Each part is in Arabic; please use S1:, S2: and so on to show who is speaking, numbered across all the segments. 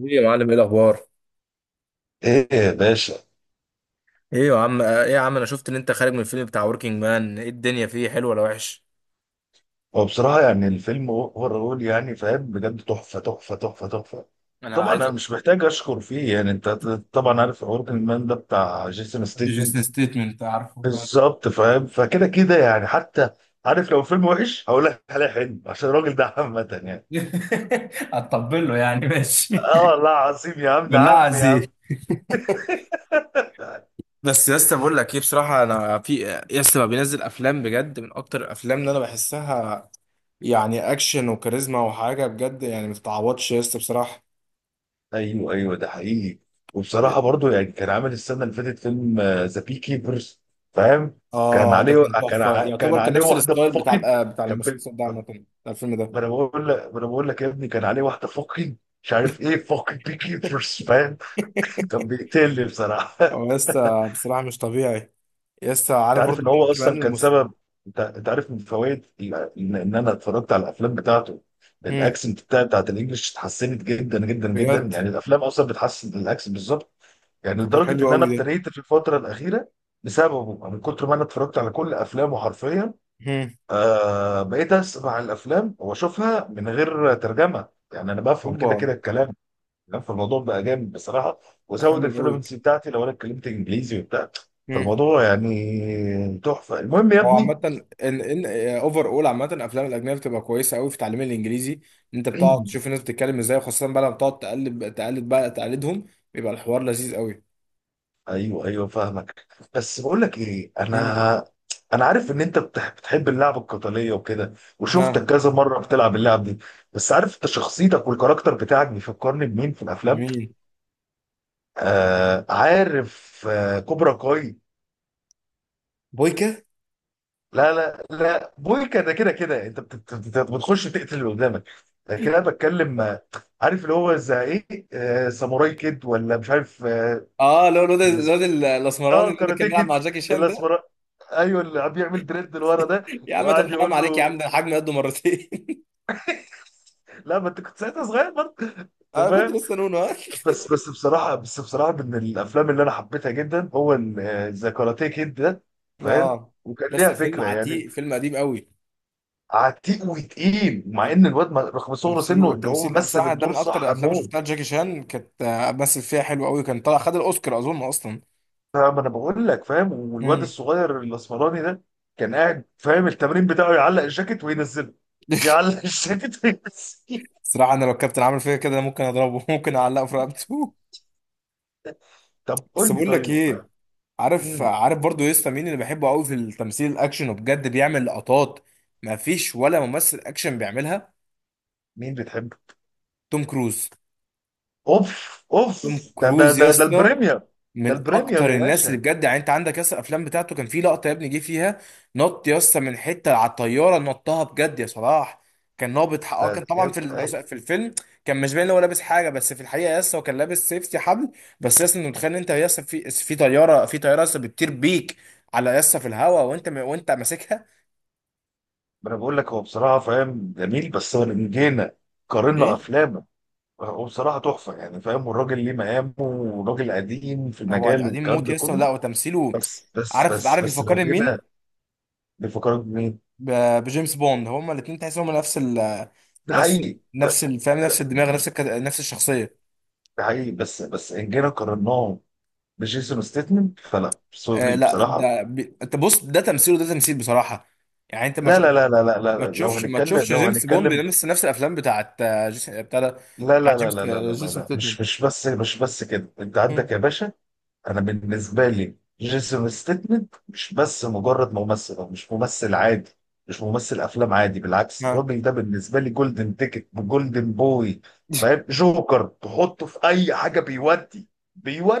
S1: ايه يا معلم، ايه الاخبار؟
S2: ايه يا باشا؟
S1: ايه يا عم انا شفت ان انت خارج من الفيلم بتاع وركينج مان. ايه الدنيا؟ فيه حلو ولا وحش؟
S2: هو بصراحة يعني الفيلم اوفرول يعني فاهم بجد تحفة تحفة تحفة تحفة.
S1: انا
S2: طبعا
S1: عايز
S2: انا
S1: أ-
S2: مش محتاج اشكر فيه يعني انت طبعا عارف وركينج مان ده بتاع جيسون ستيتمنت.
S1: جيسون ستيتمنت، عارفه، فاهم.
S2: بالظبط فاهم فكده كده يعني حتى عارف لو فيلم وحش هقول لك عليه حلو عشان الراجل ده عامة يعني.
S1: هتطبل له يعني، ماشي.
S2: اه والله العظيم يا عم، ده
S1: بالله
S2: عم يا عم.
S1: عزيز. بس يا اسطى، بقول لك ايه بصراحه، انا في يا اسطى، ما بينزل افلام بجد من اكتر الافلام اللي انا بحسها، يعني اكشن وكاريزما وحاجه بجد، يعني ما تتعوضش يا اسطى بصراحه.
S2: ايوه ايوه، ده حقيقي. وبصراحه برضو يعني كان عامل السنه اللي فاتت فيلم ذا بي كيبرز، فاهم.
S1: اه ده كان تحفه،
S2: كان
S1: يعتبر كان
S2: عليه
S1: نفس
S2: واحده
S1: الستايل بتاع
S2: فقد.
S1: بتاع
S2: كان بال-.
S1: المسلسل ده، عامه بتاع الفيلم ده.
S2: ما انا بقول لك يا ابني، كان عليه واحده فقد. مش عارف ايه فقد بي كيبرز، فاهم. كان بيقتلني بصراحه.
S1: هو لسه بصراحة مش طبيعي. لسه
S2: انت
S1: عارف
S2: عارف
S1: برضو
S2: ان
S1: مين
S2: هو
S1: كمان
S2: اصلا كان سبب. انت عارف من فوائد ال- إن انا اتفرجت على الافلام بتاعته
S1: هم.
S2: الاكسنت بتاعت الانجليش اتحسنت جدا جدا جدا،
S1: بجد.
S2: يعني الافلام اصلا بتحسن الاكسنت بالظبط. يعني
S1: طب ده
S2: لدرجه
S1: حلو
S2: ان انا
S1: قوي ده.
S2: ابتديت في الفتره الاخيره بسببه من كتر ما انا اتفرجت على كل افلامه حرفيا.
S1: هم.
S2: بقيت اسمع الافلام واشوفها من غير ترجمه، يعني انا بفهم كده
S1: اوبا.
S2: كده الكلام. يعني فالموضوع بقى جامد بصراحه،
S1: ده
S2: وزود
S1: حلو قوي.
S2: الفلوينسي بتاعتي لو انا اتكلمت انجليزي وبتاع.
S1: هم.
S2: فالموضوع يعني تحفه. المهم يا
S1: هو
S2: ابني،
S1: عامة ان اوفر اول، عامة الافلام الاجنبية بتبقى كويسة قوي في تعليم الانجليزي، ان انت بتقعد تشوف الناس بتتكلم ازاي، وخاصة بقى لما بتقعد تقلد بقى، تقلدهم، بيبقى الحوار لذيذ قوي.
S2: ايوه ايوه فاهمك. بس بقول لك ايه، انا
S1: هم.
S2: انا عارف ان انت بتحب اللعب القتاليه وكده، وشفتك
S1: ها.
S2: كذا مره بتلعب اللعب دي. بس عارف انت شخصيتك والكاركتر بتاعك بيفكرني بمين في الافلام؟
S1: مين؟
S2: عارف، كوبرا كاي.
S1: بويكا.
S2: لا لا لا، بويكا ده كده كده انت بتخش تقتل اللي قدامك، لكن انا بتكلم عارف اللي هو زي ايه، ساموراي كيد ولا مش عارف
S1: اه لو
S2: اللي اسمه-،
S1: الاسمراني
S2: اه
S1: اللي كان
S2: كاراتيه
S1: بيلعب
S2: كيد.
S1: مع جاكي شان ده.
S2: الاسمراني ايوه، اللي عم بيعمل دريد لورا ده،
S1: يا عم طب
S2: وقعد
S1: حرام
S2: يقول
S1: عليك يا عم،
S2: له.
S1: ده الحجم قده مرتين.
S2: لا، ما انت كنت ساعتها صغير برضه. انت
S1: انا كنت
S2: فاهم.
S1: لسه نونو. ها.
S2: بس بصراحه من الافلام اللي انا حبيتها جدا هو ذا كاراتيه كيد ده، فاهم.
S1: اه.
S2: وكان
S1: يس
S2: ليها
S1: الفيلم
S2: فكره يعني.
S1: عتيق، فيلم قديم قوي.
S2: عتيق وتقيل، مع ان الواد ما-، رغم صغر
S1: تمثيله
S2: سنه ان هو
S1: والتمثيل
S2: مثل
S1: بصراحه، ده
S2: الدور
S1: من اكتر
S2: صح
S1: الافلام اللي شفتها،
S2: موت.
S1: جاكي شان كانت مثل فيها حلو قوي، كان طلع خد الاوسكار اظن اصلا.
S2: فاهم انا بقول لك فاهم، والواد
S1: امم.
S2: الصغير الاسمراني ده كان قاعد، فاهم، التمرين بتاعه يعلق الجاكيت وينزله، يعلق الجاكيت وينزله.
S1: صراحه انا لو الكابتن عامل فيا كده ممكن اضربه، ممكن اعلقه في رقبته.
S2: طب
S1: بس
S2: قول لي
S1: بقول لك
S2: طيب.
S1: ايه، عارف
S2: مم.
S1: عارف برضو يسطا، مين اللي بحبه قوي في التمثيل الاكشن وبجد بيعمل لقطات ما فيش ولا ممثل اكشن بيعملها؟
S2: مين بتحب؟
S1: توم كروز.
S2: اوف اوف،
S1: توم
S2: ده ده
S1: كروز
S2: ده ده
S1: يسطا.
S2: البريمير. ده
S1: من
S2: البريمير يا
S1: اكتر الناس اللي
S2: باشا.
S1: بجد، يعني انت عندك ياسر الافلام بتاعته، كان في لقطه يا ابني جه فيها نط ياسر من حته على الطياره، نطها بجد يا صلاح. كان نابط حق-
S2: ده
S1: اه كان طبعا
S2: يا-
S1: في
S2: أي-،
S1: في الفيلم، كان مش باين إن هو لابس حاجه، بس في الحقيقه ياسر هو كان لابس سيفتي حبل. بس ياسر، انت متخيل إن انت ياسر في طياره ياسر بتطير بيك على ياسر في الهواء، وانت وانت ماسكها؟
S2: ما انا بقول لك، هو بصراحه فاهم جميل، بس هو لما جينا قارنا
S1: ايه.
S2: افلامه، هو بصراحه تحفه يعني فاهم، والراجل ليه مقامه وراجل قديم في
S1: هو
S2: المجال
S1: قديم
S2: والكلام
S1: موت
S2: ده
S1: ياسر،
S2: كله.
S1: لا وتمثيله.
S2: بس بس
S1: عارف
S2: بس
S1: عارف
S2: بس لو
S1: بيفكرني
S2: جينا
S1: مين.
S2: نفكرك بمين؟
S1: بجيمس بوند، هما الاثنين تحس هما
S2: ده
S1: نفس،
S2: حقيقي
S1: فاهم، نفس
S2: ده-
S1: الدماغ، نفس نفس الشخصيه.
S2: ده حقيقي بس ان جينا قارناه بجيسون ستيتمنت، فلا،
S1: آه
S2: سوري
S1: لا،
S2: بصراحه.
S1: ده انت بص، ده تمثيل وده تمثيل بصراحه، يعني انت
S2: لا لا لا لا لا
S1: ما
S2: لا، لو
S1: تشوفش ما
S2: هنتكلم
S1: تشوفش
S2: لو
S1: جيمس بوند
S2: هنتكلم
S1: بيلمس نفس الافلام بتاعت بتاع ده،
S2: لا
S1: بتاع
S2: لا لا
S1: جيمس
S2: لا لا لا لا
S1: جيسون
S2: لا.
S1: ستيتمنت.
S2: مش بس كده، انت
S1: مم.
S2: عندك يا باشا، انا بالنسبه لي جيسون ستيتمنت مش بس مجرد ممثل، هو مش ممثل عادي، مش ممثل افلام عادي. بالعكس،
S1: آه.
S2: الراجل ده بالنسبه لي جولدن تيكت، جولدن بوي، فاهم، جوكر تحطه في اي حاجه. بيودي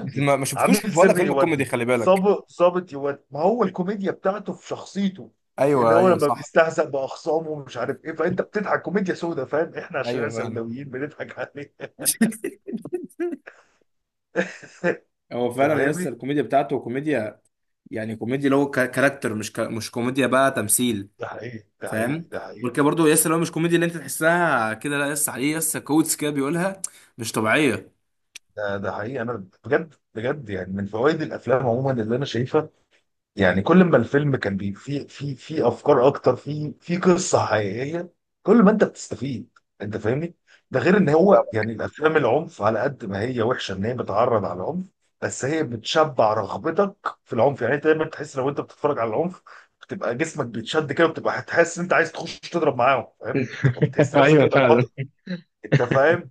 S1: بس ما شفتوش
S2: عميل
S1: ولا
S2: سري
S1: فيلم كوميدي،
S2: يودي،
S1: خلي بالك.
S2: ظابط يودي. ما هو الكوميديا بتاعته في شخصيته، اللي
S1: ايوه
S2: هو
S1: ايوه
S2: لما
S1: صح.
S2: بيستهزأ بأخصامه ومش عارف ايه، فانت بتضحك. كوميديا سودا، فاهم، احنا عشان احنا
S1: ايوه فعلا.
S2: سوداويين بنضحك عليه. انت
S1: هو فعلا يس،
S2: فاهمني؟
S1: الكوميديا بتاعته كوميديا، يعني كوميديا اللي هو كاركتر، مش مش كوميديا بقى، تمثيل.
S2: ده حقيقي، ده حقيقي،
S1: فاهم.
S2: ده حقيقي.
S1: غير كده برضه يس، لو مش كوميديا اللي انت تحسها كده، لا يس، عليه يس كوتس كده بيقولها، مش طبيعيه.
S2: ده حقيقي، انا بجد بجد يعني من فوائد الافلام عموما اللي انا شايفها، يعني كل ما الفيلم كان بي في في في افكار اكتر، في قصه حقيقيه، كل ما انت بتستفيد. انت فاهمني. ده غير ان هو يعني الافلام العنف، على قد ما هي وحشه ان هي بتعرض على العنف، بس هي بتشبع رغبتك في العنف. يعني انت دايما تحس لو انت بتتفرج على العنف، بتبقى جسمك بيتشد كده، وبتبقى هتحس ان انت عايز تخش تضرب معاهم، فاهم، بتبقى بتحس نفسك
S1: ايوه
S2: انت
S1: فعلا.
S2: البطل. انت فاهم،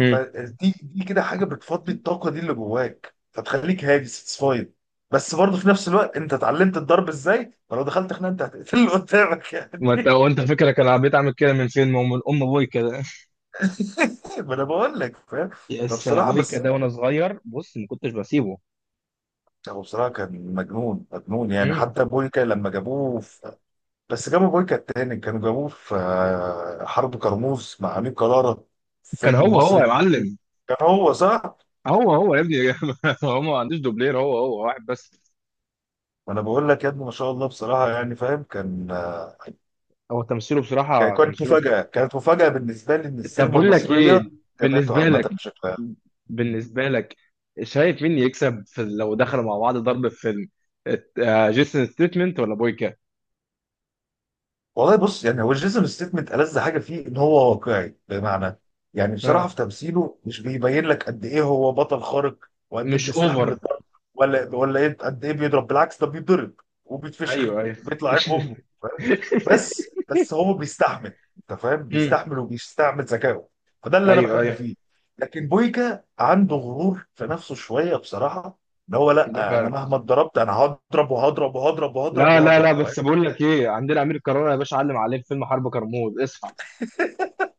S1: مم.
S2: فدي كده حاجه بتفضي الطاقه دي اللي جواك، فتخليك هادي، ساتسفايد. بس برضه في نفس الوقت انت اتعلمت الضرب ازاي، فلو دخلت خناقه انت هتقتل اللي قدامك يعني.
S1: ما انت وانت فكرك انا بقيت اعمل كده من فين، ما هو من ام ابوي كده،
S2: ما انا بقول لك فاهم.
S1: يس انا
S2: فبصراحه،
S1: ابوي
S2: بس
S1: كده وانا صغير بص ما كنتش بسيبه.
S2: هو بصراحه كان مجنون مجنون يعني.
S1: مم.
S2: حتى بويكا لما جابوه في...، بس جابوا بويكا التاني كانوا جابوه في حرب كرموز مع امير كرارة في
S1: كان
S2: فيلم
S1: هو هو يا
S2: مصري.
S1: معلم.
S2: كان هو صح؟
S1: هو هو يا ابني. هو ما عندوش دوبلير، هو هو واحد بس.
S2: ما انا بقول لك يا ابني، ما شاء الله بصراحه، يعني فاهم كان
S1: هو تمثيله بصراحه،
S2: كانت
S1: تمثيله.
S2: مفاجأة، كانت مفاجأة بالنسبة لي إن
S1: طب
S2: السينما
S1: بقول لك ايه،
S2: المصرية جابته
S1: بالنسبه
S2: عامة
S1: لك،
S2: بشكل عام.
S1: بالنسبه لك شايف مين يكسب في لو دخلوا مع بعض ضرب في فيلم، جيسون ستيتمنت ولا بويكا؟
S2: والله بص، يعني هو جيسون ستيتمنت ألذ حاجة فيه إن هو واقعي. بمعنى يعني بصراحة في
S1: ها.
S2: تمثيله مش بيبين لك قد إيه هو بطل خارق، وقد إيه
S1: مش
S2: بيستحمل
S1: اوفر.
S2: الضرب، ولا إيه، قد إيه بيضرب. بالعكس، ده بيتضرب وبيتفشخ،
S1: ايوه ايوه.
S2: بيطلع عين أمه. بس بس هو بيستحمل، انت فاهم،
S1: مم.
S2: بيستحمل وبيستعمل ذكائه. فده اللي انا
S1: ايوه
S2: بحبه
S1: ايوه.
S2: فيه. لكن بويكا عنده غرور في نفسه شويه بصراحه، ان هو
S1: ده
S2: لا، انا
S1: فعلا.
S2: مهما اتضربت انا هضرب وهضرب وهضرب وهضرب
S1: لا لا
S2: وهضرب،
S1: لا،
S2: فاهم.
S1: بس بقول لك ايه، عندنا امير كرارة يا باشا، علم عليه في فيلم حرب كرموز، اصحى.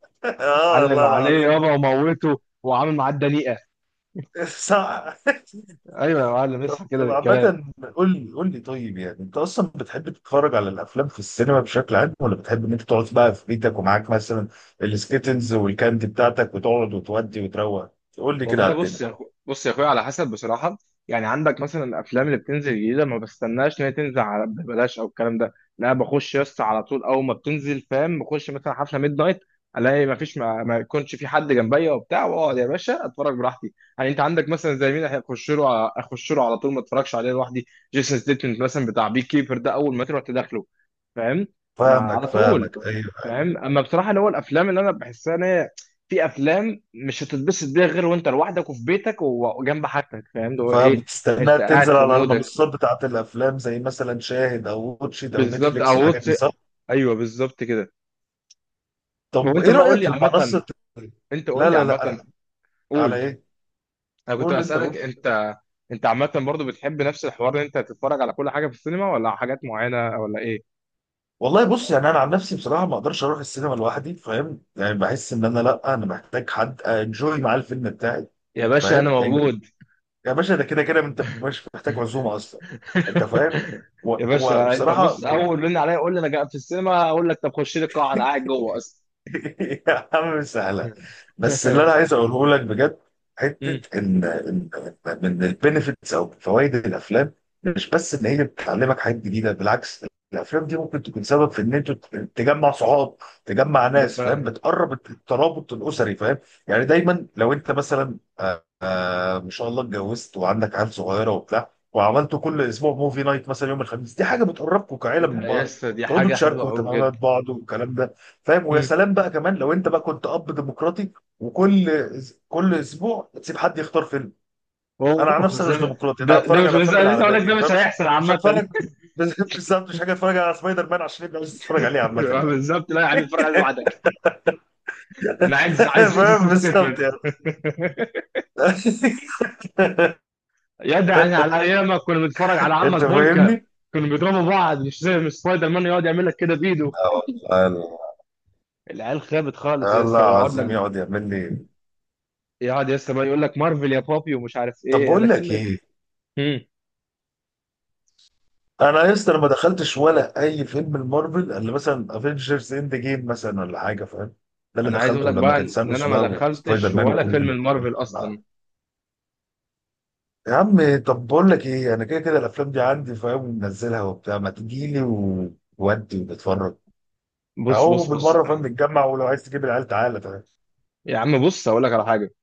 S2: اه
S1: علم
S2: والله
S1: عليه
S2: العظيم.
S1: يابا، وموته وعامل معاه الدنيئه.
S2: صح.
S1: ايوه يا معلم،
S2: طب
S1: اصحى كده
S2: طب
S1: بالكلام.
S2: عامة، قول لي قول لي طيب، يعني انت اصلا بتحب تتفرج على الافلام في السينما بشكل عام، ولا بتحب ان انت تقعد بقى في بيتك ومعاك مثلا السكيتلز والكاندي بتاعتك، وتقعد وتودي وتروق؟ قول لي كده
S1: والله
S2: على
S1: بص
S2: الدنيا.
S1: بص يا اخويا، على حسب بصراحه. يعني عندك مثلا الافلام اللي بتنزل جديده، ما بستناش ان هي تنزل على ببلاش او الكلام ده، لا بخش يس على طول اول ما بتنزل، فاهم، بخش مثلا حفله ميد نايت، الاقي ما فيش ما يكونش في حد جنبيا وبتاع، واقعد يا باشا اتفرج براحتي. يعني انت عندك مثلا زي مين هيخش له اخش له على طول، ما اتفرجش عليه لوحدي، جيسون ستيتمنت مثلا بتاع بي كيبر ده، اول ما تروح تدخله. فاهم. ما
S2: فاهمك
S1: على طول.
S2: فاهمك، ايوه.
S1: فاهم، اما بصراحه اللي هو الافلام اللي انا بحسها ان هي، في افلام مش هتتبسط بيها غير وانت لوحدك وفي بيتك وجنب حاجتك، فاهم، اللي هو ايه،
S2: فبتستناها
S1: انت قاعد
S2: تنزل
S1: في
S2: على
S1: مودك،
S2: المنصات بتاعت الافلام زي مثلا شاهد او واتشيت او
S1: بالظبط،
S2: نتفليكس
S1: او
S2: والحاجات دي،
S1: وطي.
S2: صح؟
S1: ايوه بالظبط كده.
S2: طب
S1: وانت
S2: ايه
S1: بقى قول
S2: رايك
S1: لي
S2: في المنصه
S1: عامه،
S2: الت-،
S1: انت قول
S2: لا
S1: لي
S2: لا لا انا،
S1: عامه،
S2: على
S1: قول.
S2: ايه؟
S1: انا كنت
S2: قول انت، قول.
S1: اسالك انت. انت عامه برضو بتحب نفس الحوار ان انت تتفرج على كل حاجه في السينما، ولا على حاجات معينه ولا ايه؟
S2: والله بص، يعني انا عن نفسي بصراحه ما اقدرش اروح السينما لوحدي، فاهم؟ يعني بحس ان انا، لا، انا محتاج حد انجوي معاه الفيلم بتاعي،
S1: يا باشا انا
S2: فاهم؟ يعني
S1: موجود.
S2: يا باشا، ده كده كده انت مش محتاج عزومه اصلا، انت فاهم؟ و-،
S1: يا باشا انت
S2: وبصراحه
S1: بص، اول رن عليا قول لي انا جاي في السينما، اقول لك طب خش لي القاعه انا قاعد جوه اصلا.
S2: يا عم سهله. بس اللي انا عايز اقوله لك بجد،
S1: مم.
S2: حته ان من البينيفيتس او فوائد الافلام، مش بس ان هي بتعلمك حاجات جديده. بالعكس، الافلام دي ممكن تكون سبب في ان انت تجمع صحاب، تجمع
S1: ده
S2: ناس، فاهم،
S1: فعلا.
S2: بتقرب الترابط الاسري، فاهم. يعني دايما لو انت مثلا ما شاء الله اتجوزت وعندك عيال صغيره وبتاع، وعملتوا كل اسبوع موفي نايت مثلا يوم الخميس، دي حاجه بتقربكم كعيله من
S1: ده
S2: بعض،
S1: يس، دي
S2: تقعدوا
S1: حاجه حلوه
S2: تشاركوا
S1: قوي
S2: اهتمامات
S1: بجد.
S2: بعض والكلام ده، فاهم. ويا
S1: مم.
S2: سلام بقى كمان لو انت بقى كنت اب ديمقراطي، وكل كل اسبوع تسيب حد يختار فيلم. انا عن
S1: اوه
S2: نفسي
S1: بس
S2: أنا مش ديمقراطي، انا
S1: ده
S2: هتفرج على
S1: مش
S2: الافلام
S1: لسه،
S2: اللي
S1: لسه
S2: على
S1: اقول لك ده
S2: بالي،
S1: مش هيحصل
S2: فمش مش
S1: عامه.
S2: هتفرج. بس-، بالظبط مش حاجه اتفرج على سبايدر مان عشان يبقى عايز اتفرج عليه عامه يعني.
S1: بالظبط، لا يا عم اتفرج عليه لوحدك، انا عايز
S2: فاهم،
S1: اسم
S2: بالظبط
S1: ستيتمنت.
S2: يعني.
S1: يا ده يعني على ايامك كنا بنتفرج على عمك
S2: انت
S1: بويكا،
S2: فاهمني؟
S1: كانوا بيضربوا بعض، مش زي مش سبايدر مان يقعد يعمل لك كده بايده.
S2: آه والله، الله.
S1: العيال خابت خالص يا
S2: الله
S1: اسطى، ويقعد
S2: عظيم
S1: لك
S2: يقعد يعمل لي.
S1: يقعد لسه بقى يقول لك مارفل يا بابي، ومش عارف
S2: طب
S1: ايه، انا
S2: بقول لك
S1: كلمه.
S2: ايه،
S1: امم.
S2: انا يا اسطى أنا ما دخلتش ولا اي فيلم المارفل، اللي مثلا افنجرز اند جيم مثلا ولا حاجه، فاهم. ده اللي
S1: انا عايز اقول
S2: دخلته
S1: لك
S2: لما
S1: بقى
S2: كان
S1: ان
S2: ثانوس
S1: انا ما
S2: بقى، وسبايدر
S1: دخلتش
S2: مان
S1: ولا فيلم
S2: وكل.
S1: المارفل اصلا.
S2: يا عم طب بقول لك ايه، انا كده كده الافلام دي عندي، فاهم، منزلها وبتاع، ما تجي لي وودي ونتفرج،
S1: بص
S2: اهو
S1: بص بص.
S2: بالمره، فاهم، نتجمع، ولو عايز تجيب العيال تعالى، فاهم.
S1: يا عم بص هقول لك على حاجه،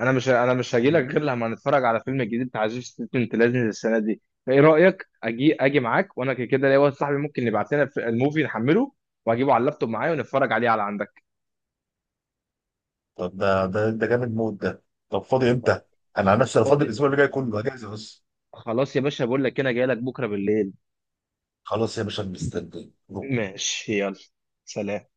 S1: انا مش هجي لك غير لما نتفرج على فيلم جديد بتاع جيسون ستيتمنت، لازم السنه دي. فايه رايك اجي معاك، وانا كده كده ليا واحد صاحبي ممكن يبعت لنا في الموفي نحمله، واجيبه على اللابتوب معايا ونتفرج عليه على عندك.
S2: طب ده جامد موت ده. طب فاضي امتى؟ انا عن نفسي انا فاضي
S1: فاضي.
S2: الاسبوع اللي جاي كله اجازه، بس.
S1: خلاص يا باشا، بقول لك انا جاي لك بكره بالليل.
S2: خلاص يا باشا، مستني.
S1: ماشي يلا. سلام.